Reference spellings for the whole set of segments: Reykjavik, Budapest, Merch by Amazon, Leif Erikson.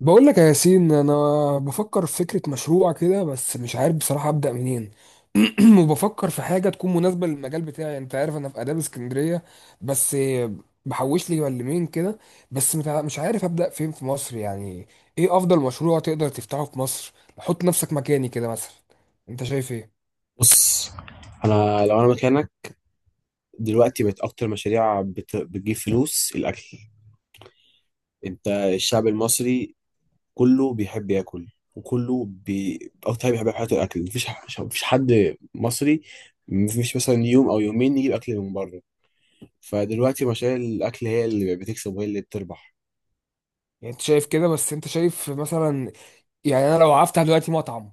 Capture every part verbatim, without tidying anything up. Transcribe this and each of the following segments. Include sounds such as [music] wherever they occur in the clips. بقول لك يا ياسين، انا بفكر في فكره مشروع كده، بس مش عارف بصراحه ابدا منين. [clears throat] وبفكر في حاجه تكون مناسبه للمجال بتاعي، انت عارف انا في اداب اسكندريه. بس بحوش لي ملمين كده. بس متع- مش عارف ابدا فين في مصر يعني. ايه افضل مشروع تقدر تفتحه في مصر؟ حط نفسك مكاني كده مثلا، انت شايف ايه؟ بص، انا لو انا مكانك دلوقتي بقت اكتر مشاريع بت... بتجيب فلوس الاكل. انت الشعب المصري كله بيحب ياكل، وكله بي... اكتر حاجه بيحب في حياته الاكل. مفيش ح... مفيش حد مصري مفيش مثلا يوم او يومين يجيب اكل من بره. فدلوقتي مشاريع الاكل هي اللي بتكسب وهي اللي بتربح. يعني انت شايف كده، بس انت شايف مثلا، يعني انا لو هفتح دلوقتي مطعم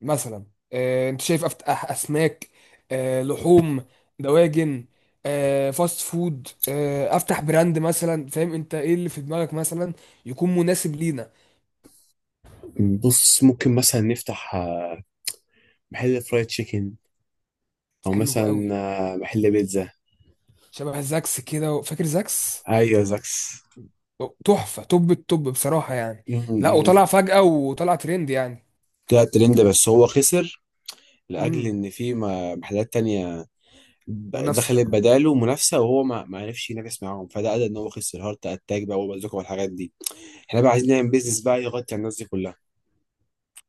مثلا، آه، انت شايف افتح اسماك، آه، لحوم، دواجن، آه، فاست فود، آه، افتح براند مثلا؟ فاهم انت ايه اللي في دماغك مثلا، يكون مناسب لينا؟ بص، ممكن مثلا نفتح آه، محل فرايد تشيكن، او حلو مثلا قوي. آه، محل بيتزا. شبه زاكس كده، فاكر زاكس؟ ايوه، زاكس. تحفة، توب التوب بصراحة يعني. م- م- لا م. وطلع فجأة وطلع ترند يعني. طلع ترند بس هو خسر لاجل امم. ان في م- محلات تانية ب- منافسة. دخلت بداله منافسه، وهو ما ما عرفش ينافس معاهم، فده ادى ان هو خسر هارت اتاك بقى وبازوكا والحاجات دي. احنا بقى عايزين نعمل بيزنس بقى يغطي على الناس دي كلها.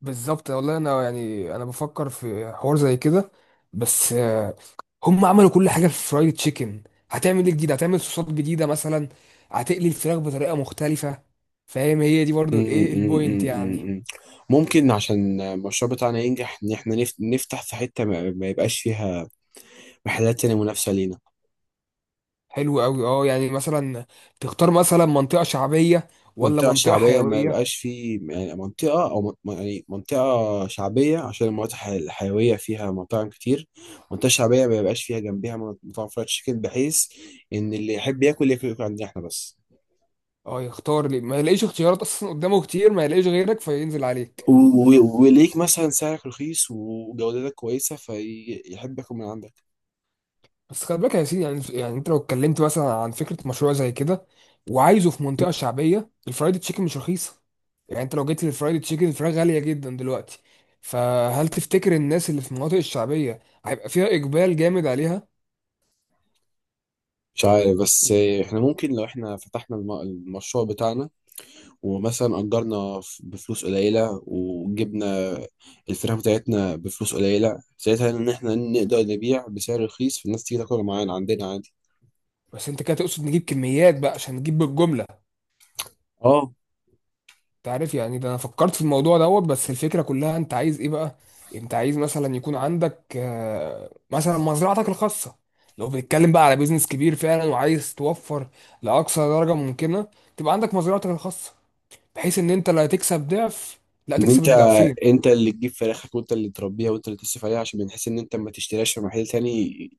بالظبط والله، انا يعني انا بفكر في حوار زي كده، بس آه، هم عملوا كل حاجه في فرايد تشيكن. هتعمل ايه جديد؟ هتعمل صوصات جديده مثلا؟ هتقلي الفراخ بطريقه مختلفه؟ فاهم؟ هي دي م- برضو الايه م- البوينت م- يعني. م- م. ممكن عشان المشروع بتاعنا ينجح ان احنا نف- نفتح في حته ما ما يبقاش فيها محلات تانية منافسه لينا. حلو قوي اه، يعني مثلا تختار مثلا منطقه شعبيه ولا منطقة منطقه شعبية ما حيويه؟ يبقاش فيه، يعني منطقة أو م- يعني منطقة شعبية، عشان المناطق الح- الحيوية فيها مطاعم كتير. منطقة شعبية ما يبقاش فيها جنبها مطاعم فرايد تشيكن، بحيث إن اللي يحب ياكل ياكل ياكل عندنا إحنا بس. اه، يختار ليه ما يلاقيش اختيارات اصلا قدامه كتير، ما يلاقيش غيرك فينزل عليك. و- و- وليك مثلا سعرك رخيص وجودتك كويسة، فيحب ياكل من عندك. بس خلي بالك يا سيدي، يعني يعني انت لو اتكلمت مثلا عن فكره مشروع زي كده، وعايزه في منطقه شعبيه، الفرايد تشيكن مش رخيصه. يعني انت لو جيت للفرايد تشيكن الفراخ غاليه جدا دلوقتي، فهل تفتكر الناس اللي في المناطق الشعبيه هيبقى فيها اقبال جامد عليها؟ مش عارف، بس إحنا يعني. ممكن لو إحنا فتحنا الم- المشروع بتاعنا، ومثلا أجرنا ف- بفلوس قليلة، وجبنا الفراخ بتاعتنا بفلوس قليلة، ساعتها إن إحنا نقدر نبيع بسعر رخيص فالناس تيجي تاكل معانا عندنا عادي. بس انت كده تقصد نجيب كميات بقى عشان نجيب بالجمله؟ اه، انت عارف يعني، ده انا فكرت في الموضوع دوت، بس الفكره كلها انت عايز ايه بقى؟ انت عايز مثلا يكون عندك آه، مثلا مزرعتك الخاصه، لو بنتكلم بقى على بيزنس كبير فعلا وعايز توفر لاقصى درجه ممكنه. تبقى عندك مزرعتك الخاصه بحيث ان انت لا تكسب ضعف، لا إن تكسب أنت، الضعفين. أنت اللي تجيب فراخك وأنت اللي تربيها وأنت اللي تصرف عليها، عشان بنحس إن أنت ما تشتريهاش في محل تاني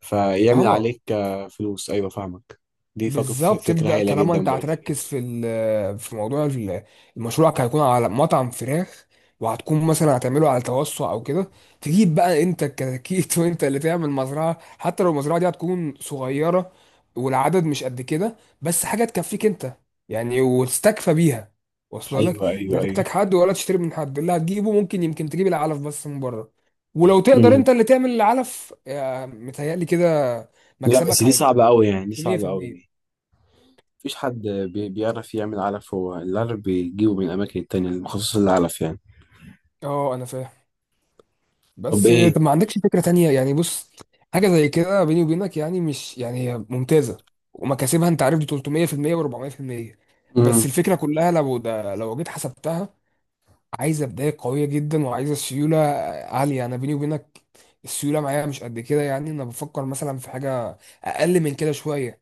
فيعمل اه عليك آه، فلوس. أيوة فاهمك. دي فك- ف- بالظبط، فكرة تبدأ هايلة طالما جدا انت برضه. هتركز في ال- في موضوع ال- المشروع، هيكون على مطعم فراخ. وهتكون مثلا هتعمله على توسع او كده، تجيب بقى انت الكتاكيت [laughs] وانت اللي تعمل مزرعة، حتى لو المزرعة دي هتكون صغيرة والعدد مش قد كده، بس حاجة تكفيك انت يعني وتستكفى بيها. واصله لك أيوة لا أيوة أيوة. هتحتاج حد ولا تشتري من حد، اللي هتجيبه ممكن يمكن تجيب العلف بس من بره. ولو تقدر مم. انت اللي تعمل العلف، آه، متهيألي كده لا بس مكسبك دي هيبقى صعبة أوي، يعني دي صعبة أوي. مية في المية. مفيش حد بي- بيعرف يعمل علف، هو العلف بيجيبه من الأماكن التانية المخصصة للعلف يعني. اه انا فاهم، طب بس إيه؟ طب ما عندكش فكرة تانية يعني؟ بص، حاجة زي كده بيني وبينك، يعني مش يعني هي ممتازة، ومكاسبها انت عارف دي تلت مية في المية و400%. بس مم. الفكرة كلها لو ده، لو جيت حسبتها، عايزة بداية قوية جدا وعايزة سيولة عالية، انا بيني وبينك السيولة معايا مش قد كده. يعني انا بفكر مثلا في حاجة اقل من كده شوية،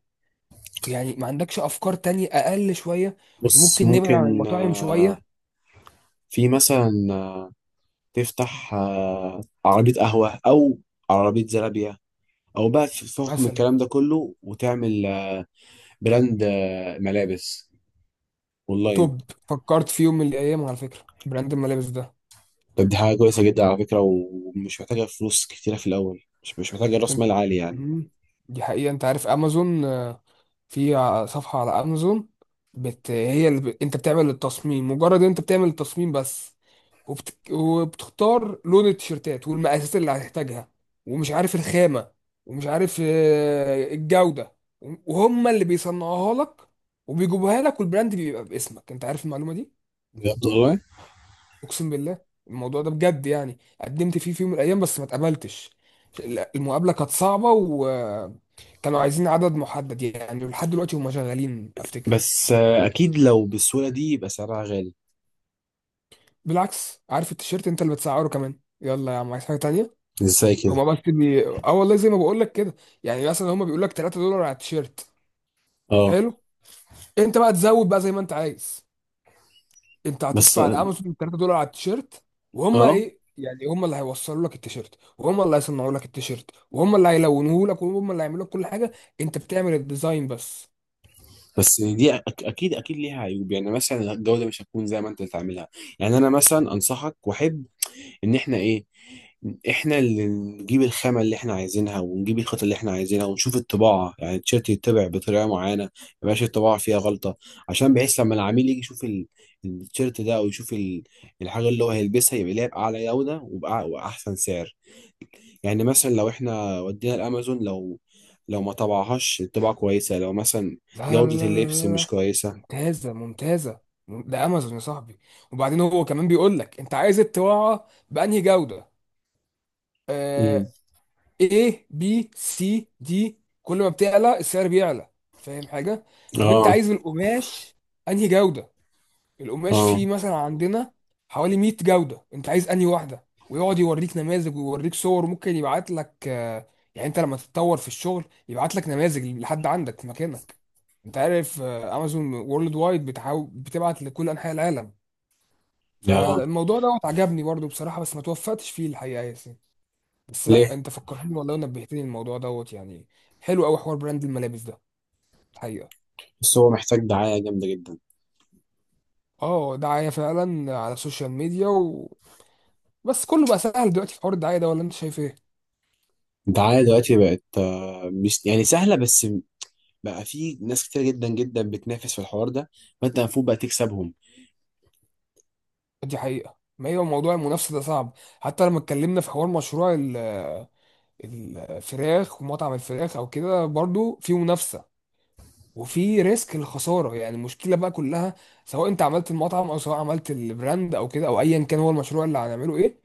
يعني ما عندكش افكار تانية اقل شوية؟ بص، وممكن نبعد عن ممكن المطاعم شوية. آه، في مثلا آه، تفتح آه، عربية قهوة، أو عربية زرابية، أو بقى في فوق من مثلا الكلام ده كله وتعمل آه، براند آه، ملابس أونلاين. توب. فكرت في يوم من الايام على فكرة براند الملابس ده. طب دي حاجة كويسة جدا على فكرة، ومش محتاجة فلوس كتيرة في الأول، مش مش محتاجة رأس مال عالي يعني. مم. دي حقيقة، انت عارف امازون آه، في ع- صفحة على امازون، بت... هي اللي ب... انت بتعمل التصميم، مجرد انت بتعمل التصميم بس، وبت... وبتختار لون التيشيرتات والمقاسات اللي هتحتاجها، ومش عارف الخامة، ومش عارف آه، الجودة، وهم اللي بيصنعوها لك وبيجيبوها لك، والبراند بيبقى باسمك. انت عارف المعلومة دي؟ بجد والله. اقسم بالله، الموضوع ده بجد، يعني قدمت فيه في يوم من الايام بس ما اتقبلتش. لا، المقابله كانت صعبه وكانوا عايزين عدد محدد، يعني لحد دلوقتي هم شغالين افتكر. بس آه، أكيد لو بالسهولة دي يبقى سعرها غالي. بالعكس، عارف التيشيرت انت اللي بتسعره كمان، يلا يا عم عايز حاجه تانية. ازاي هما كده؟ بس بي... اه والله زي ما بقول لك كده، يعني مثلا هما بيقول لك تلات دولار على التيشيرت. اه. حلو، انت بقى تزود بقى زي ما انت عايز، انت بس هتدفع لامازون تلات دولار على التيشيرت، وهم اه. ايه يعني هم اللي هيوصلوا لك التيشيرت وهم اللي هيصنعوا لك التيشيرت وهم اللي هيلونوه لك وهم اللي هيعملوا لك كل حاجه، انت بتعمل الديزاين بس. بس دي أك- اكيد، اكيد ليها عيوب، يعني مثلا الجوده مش هتكون زي ما انت تعملها. يعني انا مثلا انصحك واحب ان احنا ايه، احنا اللي نجيب الخامه اللي احنا عايزينها، ونجيب الخطه اللي احنا عايزينها، ونشوف الطباعه، يعني التيشيرت يتبع بطريقه معينه ما يبقاش الطباعه فيها غلطه، عشان بحيث لما العميل يجي يشوف ال- التيشيرت ده، او يشوف ال- الحاجه اللي هو هيلبسها يبقى ليها باعلى جوده وبأع- وباحسن سعر. يعني مثلا لو احنا ودينا الامازون، لو لو ما طبعهاش طباعة كويسة، لو مثلا لا لا جودة لا لا اللبس لا لا. مش كويسة. ممتازه ممتازه، ده امازون يا صاحبي، وبعدين هو كمان بيقول لك انت عايز الطباعه بانهي جوده. امم. آه، A B C D، كل ما بتعلى السعر بيعلى، فاهم حاجه؟ طب انت اه. عايز القماش انهي جوده؟ القماش اه. فيه مثلا عندنا حوالي مية جودة، انت عايز انهي واحدة؟ ويقعد يوريك نماذج ويوريك صور، وممكن يبعت لك، آه، يعني انت لما تتطور في الشغل يبعت لك نماذج لحد عندك في مكانك. انت عارف آه، امازون وورلد وايد بتحاول بتبعت لكل انحاء العالم. اه. فالموضوع دوت عجبني برضو بصراحة، بس ما توفقتش فيه الحقيقة يا ياسين. بس ليه؟ لا، انت فكرتني والله ونبهتني الموضوع دوت يعني، حلو قوي حوار براند الملابس ده الحقيقة. بس هو محتاج دعاية جامدة جدا. اه، دعاية فعلا على السوشيال ميديا، بس كله بقى سهل دلوقتي في حوار الدعايه ده، ولا انت شايف ايه؟ الدعاية دلوقتي بقت آه، مش يعني سهلة، بس م- بقى في ناس كتير جدا جدا بتنافس في الحوار ده، فانت المفروض بقى تكسبهم. دي حقيقه، ما هي موضوع المنافسه ده صعب، حتى لما اتكلمنا في حوار مشروع ال- الفراخ، ومطعم الفراخ او كده برضو في منافسه، وفي ريسك الخساره. يعني المشكله بقى كلها، سواء انت عملت المطعم او سواء عملت البراند او كده او ايا كان هو المشروع اللي هنعمله ايه،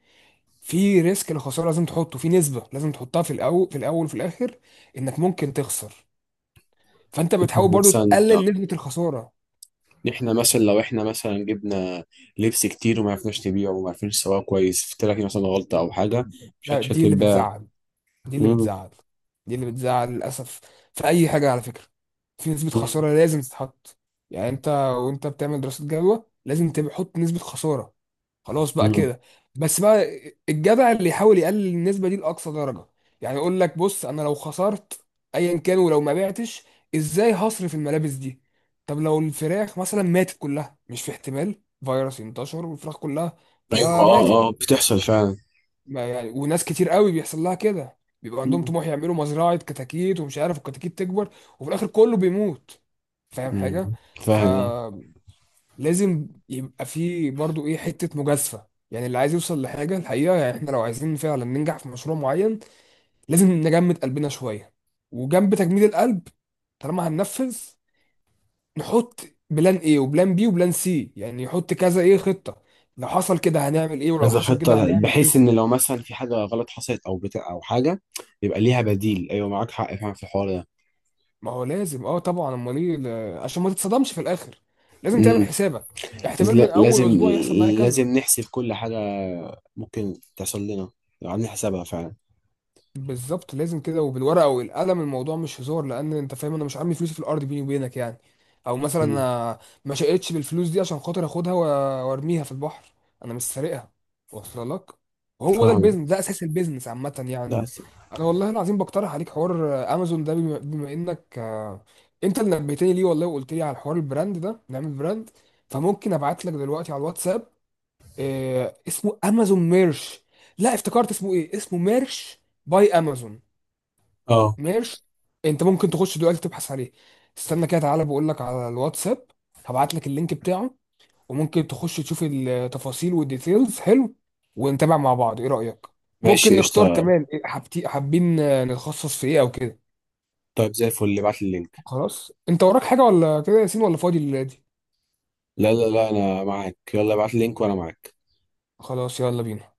في ريسك الخساره لازم تحطه في نسبه، لازم تحطها في الاول، في الاول وفي الاخر، انك ممكن تخسر. فانت بتحاول برضو مثلا آه، تقلل نسبه الخساره. احنا مثلا لو احنا مثلا جبنا لبس كتير وما عرفناش نبيعه وما عرفناش نسوقه كويس، في لك مثلا غلطة او حاجة مش ده مش دي اللي هتتباع. بتزعل، دي اللي مم، بتزعل، دي اللي بتزعل للأسف. في أي حاجة على فكرة، في نسبة مم، خسارة لازم تتحط. يعني أنت وأنت بتعمل دراسة جدوى لازم تحط نسبة خسارة، خلاص بقى مم. كده. بس بقى الجدع اللي يحاول يقلل النسبة دي لأقصى درجة، يعني يقول لك بص، أنا لو خسرت أيا كان ولو ما بعتش إزاي هصرف الملابس دي؟ طب لو الفراخ مثلا ماتت كلها، مش في احتمال فيروس ينتشر والفراخ كلها ايوه تلاقيها ماتت؟ اه. اه بتحصل فعلا. ما يعني وناس كتير قوي بيحصل لها كده، بيبقى عندهم مم. طموح يعملوا مزرعة كتاكيت ومش عارف الكتاكيت تكبر، وفي الآخر كله بيموت، فاهم حاجة؟ مم. فاهم. فلازم يبقى في برضو إيه حتة مجازفة، يعني اللي عايز يوصل لحاجة الحقيقة، يعني إحنا لو عايزين فعلا ننجح في مشروع معين لازم نجمد قلبنا شوية. وجنب تجميد القلب، طالما هننفذ، نحط بلان ايه وبلان بي وبلان سي، يعني يحط كذا ايه خطة. لو حصل كده هنعمل ايه، ولو كذا حصل خطة كده ل- هنعمل بحيث ايه. ان لو مثلا في حاجة غلط حصلت او بتاع او حاجة يبقى ليها بديل. ايوه معاك حق فعلا في الحوار ده. ما هو لازم، اه طبعا، امال ايه، ل- عشان ما تتصدمش في الاخر لازم تعمل مم. حسابك، بس احتمال من لا- اول لازم، اسبوع يحصل معايا كذا. لازم نحسب كل حاجة ممكن تحصل لنا لو عندنا حسابها فعلا. بالظبط لازم كده، وبالورقه والقلم، الموضوع مش هزار، لان انت فاهم انا مش عامل فلوسي في الارض بيني وبينك يعني. او مثلا مم. انا ما شقتش بالفلوس دي عشان خاطر اخدها و- وارميها في البحر، انا مش سارقها. واصله لك وهو ده فاهمة. البيزنس، ده اساس البيزنس عامه لا. يعني. مم. س- انا والله العظيم بقترح عليك حوار امازون ده، بما بما انك آه، انت اللي نبهتني ليه والله وقلت لي على حوار البراند ده نعمل براند. فممكن ابعت لك دلوقتي على الواتساب، آه، اسمه امازون ميرش، لا افتكرت اسمه ايه، اسمه ميرش باي امازون. اه. ميرش، انت ممكن تخش دلوقتي تبحث عليه، استنى كده تعالى بقول لك على الواتساب، هبعت لك اللينك بتاعه، وممكن تخش تشوف التفاصيل والديتيلز، حلو ونتابع مع بعض، ايه رأيك؟ ممكن ماشي نختار قشطة. كمان إيه حابتي حابين آه، نتخصص في ايه او كده. طيب زي الفل ابعت لي اللينك. خلاص، انت وراك حاجة ولا كده يا ياسين؟ ولا فاضي الليلة دي؟ لا لا لا، انا معاك، يلا ابعت لي اللينك وانا معاك. خلاص يلا بينا.